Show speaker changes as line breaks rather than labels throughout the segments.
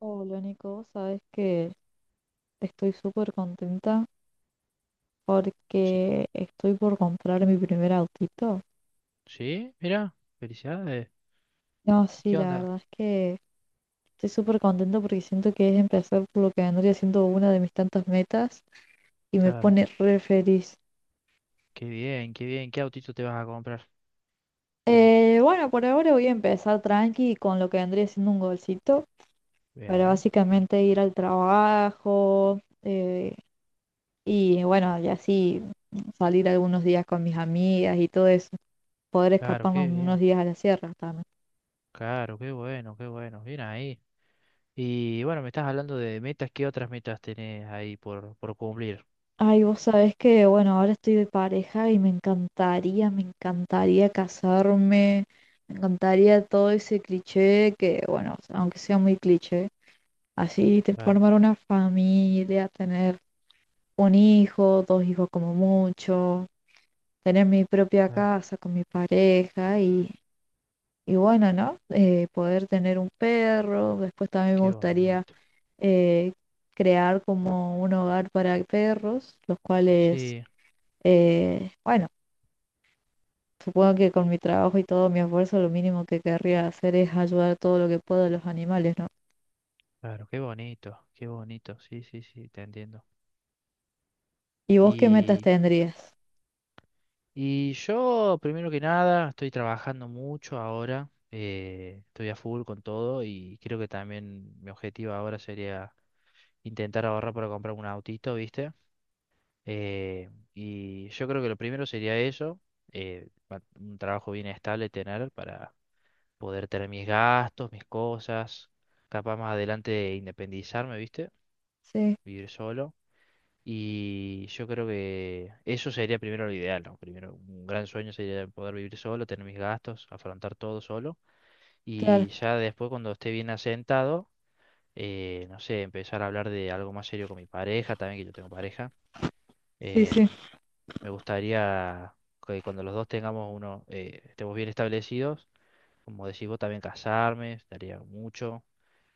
Hola Nico, sabes que estoy súper contenta
Sí,
porque estoy por comprar mi primer autito.
sí, mira, felicidades.
No,
¿Y
sí,
qué
la
onda?
verdad es que estoy súper contenta porque siento que es empezar por lo que vendría siendo una de mis tantas metas y me
Claro,
pone re feliz.
qué bien, qué bien. ¿Qué autito te vas a comprar?
Bueno, por ahora voy a empezar tranqui con lo que vendría siendo un golcito para
Bien,
básicamente ir al trabajo. Y bueno, y así salir algunos días con mis amigas y todo eso. Poder escaparnos unos
bien.
días a la sierra también.
Claro, qué bueno, qué bueno. Bien ahí. Y bueno, me estás hablando de metas. ¿Qué otras metas tenés ahí por cumplir?
Ay, vos sabés que, bueno, ahora estoy de pareja y me encantaría casarme, me encantaría todo ese cliché que, bueno, aunque sea muy cliché, así te
Claro,
formar una familia, tener un hijo, dos hijos como mucho, tener mi propia
claro,
casa con mi pareja y bueno, ¿no? Poder tener un perro, después también me
qué
gustaría
bonito.
eh, crear como un hogar para perros, los
Sí,
bueno, supongo que con mi trabajo y todo mi esfuerzo lo mínimo que querría hacer es ayudar todo lo que puedo a los animales, ¿no?
claro, qué bonito, qué bonito. Sí, sí, sí, te entiendo.
¿Y vos qué metas tendrías?
Y yo, primero que nada, estoy trabajando mucho ahora, estoy a full con todo y creo que también mi objetivo ahora sería intentar ahorrar para comprar un autito, ¿viste? Eh, y yo creo que lo primero sería eso, un trabajo bien estable tener para poder tener mis gastos, mis cosas, capaz más adelante de independizarme, ¿viste?
Sí,
Vivir solo. Y yo creo que eso sería primero lo ideal, ¿no? Primero, un gran sueño sería poder vivir solo, tener mis gastos, afrontar todo solo.
claro,
Y ya después, cuando esté bien asentado, no sé, empezar a hablar de algo más serio con mi pareja, también que yo tengo pareja.
sí,
Eh,
sí,
Me gustaría que cuando los dos tengamos uno, estemos bien establecidos, como decís vos, también casarme, estaría mucho.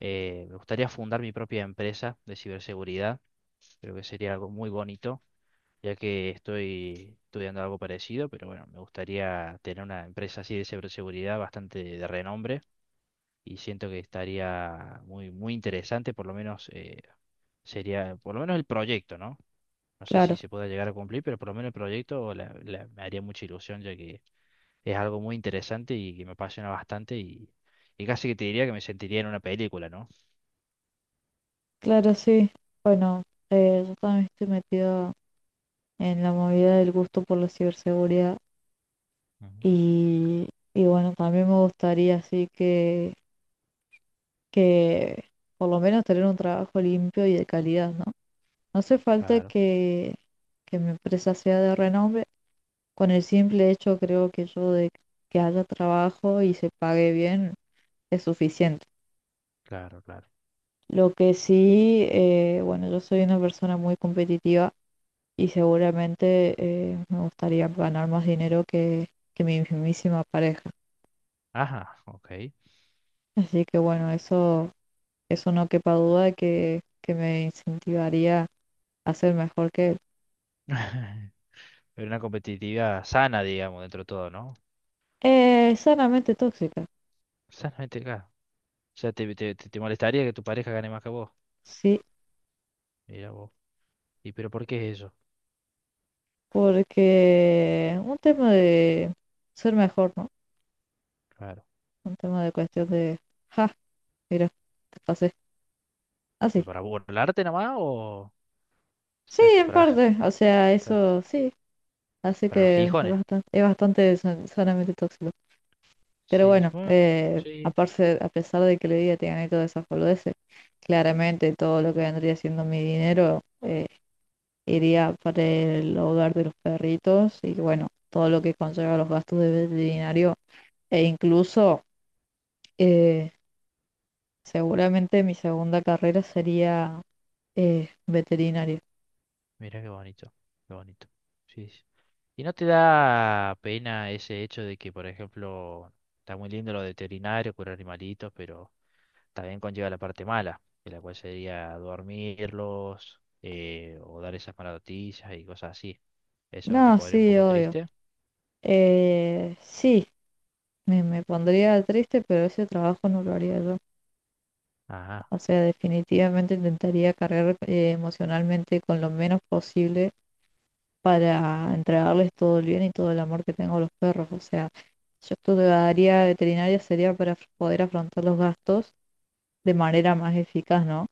Me gustaría fundar mi propia empresa de ciberseguridad, creo que sería algo muy bonito ya que estoy estudiando algo parecido, pero bueno, me gustaría tener una empresa así de ciberseguridad bastante de renombre y siento que estaría muy, muy interesante, por lo menos sería, por lo menos el proyecto, ¿no? No sé
claro,
si se pueda llegar a cumplir, pero por lo menos el proyecto me haría mucha ilusión, ya que es algo muy interesante y que me apasiona bastante y casi que te diría que me sentiría en una película, ¿no?
claro, sí. Bueno, yo también estoy metido en la movida del gusto por la ciberseguridad.
Ujú.
Y, y bueno, también me gustaría así que por lo menos tener un trabajo limpio y de calidad, ¿no? No hace falta
Claro,
que mi empresa sea de renombre, con el simple hecho creo que yo de que haya trabajo y se pague bien es suficiente.
claro, claro.
Lo que sí, bueno, yo soy una persona muy competitiva y seguramente me gustaría ganar más dinero que mi mismísima pareja.
Ajá, ok.
Así que bueno, eso no quepa duda que me incentivaría a ser mejor que él.
Pero una competitividad sana, digamos, dentro de todo, ¿no?
Sanamente tóxica,
Sanamente, claro. O sea, te molestaría que tu pareja gane más que vos.
sí,
Mira vos. ¿Y pero por qué es eso?
porque un tema de ser mejor, ¿no?
Claro.
Un tema de cuestión ja, mira, te pasé. Así.
¿Pero para burlarte nomás o
Sí,
se hace
en parte, o sea,
para,
eso sí, así
para los
que
gijones?
es bastante sanamente tóxico. Pero
Sí,
bueno,
bueno, sí.
aparte, a pesar de que le diga te gané todas esas boludeces, claramente todo lo que vendría siendo mi dinero iría para el hogar de los perritos y bueno, todo lo que conlleva los gastos de veterinario e incluso eh, seguramente mi segunda carrera sería veterinario.
Mira qué bonito, qué bonito. Sí, sí. ¿Y no te da pena ese hecho de que, por ejemplo, está muy lindo lo de veterinario, curar animalitos, pero también conlleva la parte mala, que la cual sería dormirlos o dar esas malas noticias y cosas así? ¿Eso no te
No,
podría un
sí,
poco
obvio.
triste?
Sí, me pondría triste, pero ese trabajo no lo haría yo.
Ajá,
O sea, definitivamente intentaría cargar emocionalmente con lo menos posible para entregarles todo el bien y todo el amor que tengo a los perros. O sea, yo estudiaría veterinaria sería para poder afrontar los gastos de manera más eficaz, ¿no?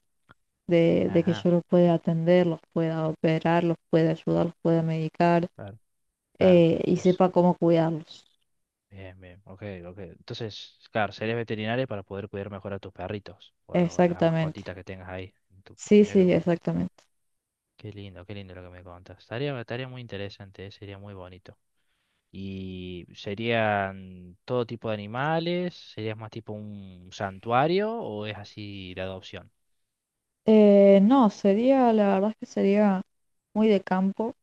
De que
ajá,
yo los pueda atender, los pueda operar, los pueda ayudar, los pueda medicar
claro, claro,
y
pues,
sepa cómo cuidarlos.
bien, bien, ok, ok. Entonces, claro, serías veterinaria para poder cuidar mejor a tus perritos o a las
Exactamente.
mascotitas que tengas ahí.
Sí,
Mira qué
sí,
bonito.
exactamente.
Qué lindo lo que me contas. Estaría muy interesante, sería muy bonito. Y serían todo tipo de animales, sería más tipo un santuario o es así la adopción.
No, sería, la verdad es que sería muy de campo,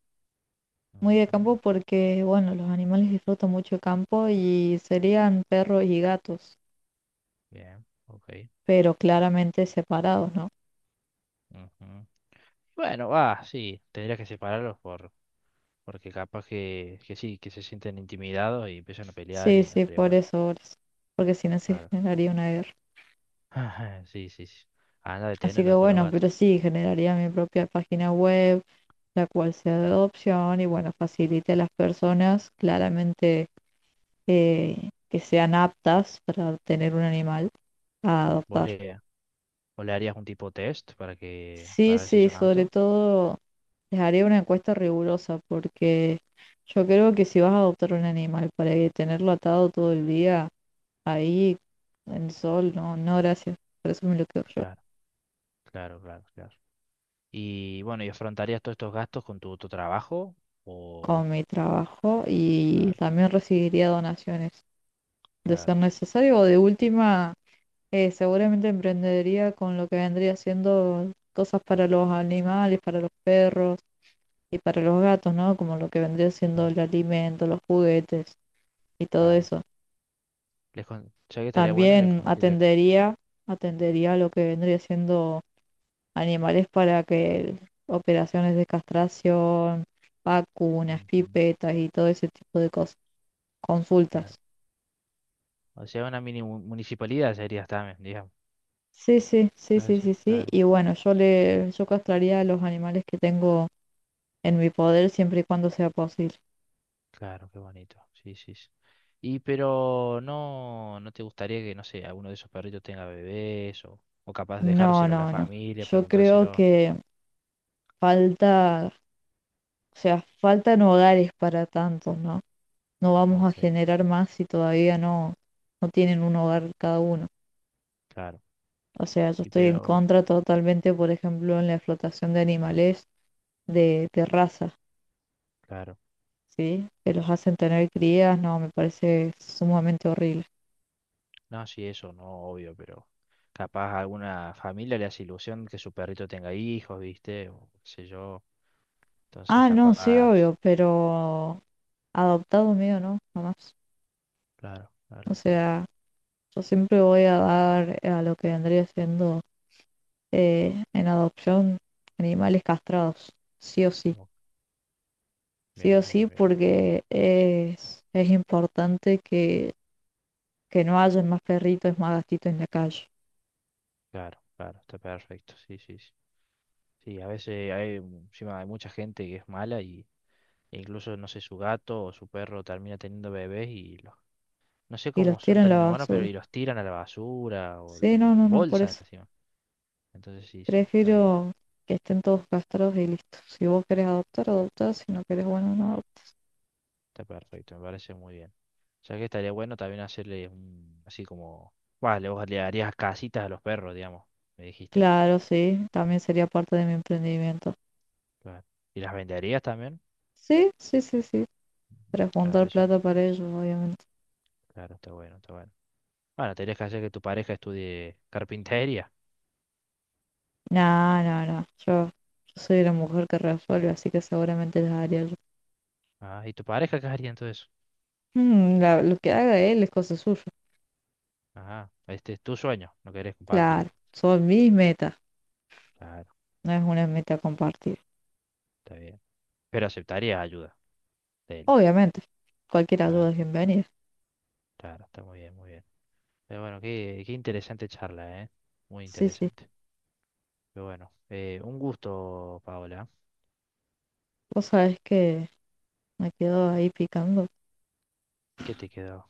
muy de
Ujú.
campo porque, bueno, los animales disfrutan mucho el campo y serían perros y gatos,
Bien, ok,
pero claramente separados, ¿no?
ujú. Bueno, va, sí, tendrías que separarlos porque capaz que sí, que se sienten intimidados y empiezan a pelear
Sí,
y no
sí,
estaría bueno.
por eso, porque si no se
Claro.
generaría una guerra.
Sí, sí, sí. Anda a
Así
detenerlo
que
después los
bueno,
gatos.
pero sí, generaría mi propia página web, la cual sea de adopción y bueno, facilite a las personas claramente que sean aptas para tener un animal a
¿Vos
adoptar.
le, vos le harías un tipo test para que,
Sí,
para ver si
sí,
son
sobre
auto?
todo les haría una encuesta rigurosa porque yo creo que si vas a adoptar un animal para que tenerlo atado todo el día ahí en el sol, no, no, gracias. Por eso me lo quedo yo
Claro, claro, claro, claro. Y bueno, ¿y afrontarías todos estos gastos con tu trabajo? O,
con mi trabajo y
claro,
también recibiría donaciones de ser
claro,
necesario o de última, seguramente emprendería con lo que vendría siendo cosas para los animales, para los perros y para los gatos, ¿no? Como lo que vendría siendo
claro,
el alimento, los juguetes y todo
claro.
eso.
Les con- ya que estaría bueno, le,
También
con- le-
atendería lo que vendría siendo animales para que operaciones de castración, vacunas,
Ujú,
pipetas y todo ese tipo de cosas,
claro.
consultas.
O sea, una municipalidad sería también, digamos.
Sí, sí, sí,
Ah,
sí,
sí,
sí, sí.
claro,
Y bueno, yo castraría a los animales que tengo en mi poder siempre y cuando sea posible.
claro, qué bonito. Sí, sí, sí. Y pero no, no te gustaría que, no sé, alguno de esos perritos tenga bebés o capaz
No,
dejárselo a la
no, no.
familia,
Yo creo
preguntárselo.
que falta, o sea, faltan hogares para tantos, ¿no? No vamos a
Ok,
generar más si todavía no, no tienen un hogar cada uno.
claro.
O sea, yo
Y
estoy en
pero,
contra totalmente, por ejemplo, en la explotación de animales de raza,
claro.
¿sí? Que los hacen tener crías, no, me parece sumamente horrible.
No, sí, eso no, obvio, pero capaz a alguna familia le hace ilusión que su perrito tenga hijos, ¿viste? O qué sé yo. Entonces,
Ah, no, sí,
capaz.
obvio, pero adoptado mío, no, jamás.
Claro,
O
claro, claro.
sea, yo siempre voy a dar a lo que vendría siendo en adopción animales castrados, sí o sí.
No,
Sí o
bien, bien,
sí,
bien.
porque es importante que no hayan más perritos, más gatitos en la calle
Claro, claro, está perfecto. Sí, sí, sí. Sí, a veces hay, encima hay mucha gente que es mala y e incluso, no sé, su gato o su perro termina teniendo no sé
y los
cómo son
tiran a
tan
la
inhumanos, pero
basura.
y los tiran a la basura o
Sí, no,
en
no, no, por
bolsa
eso.
encima. Entonces, sí, sí, está
Prefiero
bien.
que estén todos castrados y listos. Si vos querés adoptar, adoptar. Si no querés, bueno, no
Está-
adoptar.
Está perfecto, me parece muy bien. O sea que estaría bueno también hacerle un, así como, vale, vos le harías casitas a los perros, digamos, me dijiste.
Claro, sí, también sería parte de mi emprendimiento.
Claro. ¿Y las venderías también?
Sí, sí, sí, sí. Para
Claro,
juntar
eso,
plata para ellos, obviamente.
claro, está bueno, está bueno. Bueno, tendrías que hacer que tu pareja estudie carpintería.
No, no, no. Yo soy la mujer que resuelve, así que seguramente les haría yo.
Ah, ¿y tu pareja qué haría entonces?
Mm, lo que haga él es cosa suya.
Ajá, este es tu sueño, no querés
Claro,
compartirlo.
son mis metas,
Claro,
no es una meta compartida.
está bien. Pero aceptarías ayuda de él.
Obviamente, cualquier
Claro,
ayuda es bienvenida.
claro, está muy bien, muy bien. Pero bueno, qué, qué interesante charla, ¿eh? Muy
Sí, sí.
interesante. Pero bueno, un gusto, Paola.
Vos sabés que me quedo ahí picando
¿Qué te quedó?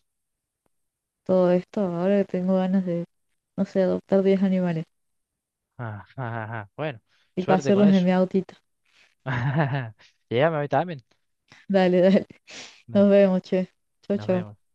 todo esto. Ahora que tengo ganas de, no sé, adoptar 10 animales
Ah, ah, ah, ah. Bueno,
y
suerte con
pasearlos en
eso.
mi autito.
Llegame a mí también.
Dale, dale.
Nos
Nos vemos, che. Chau,
Nos
chau.
vemos.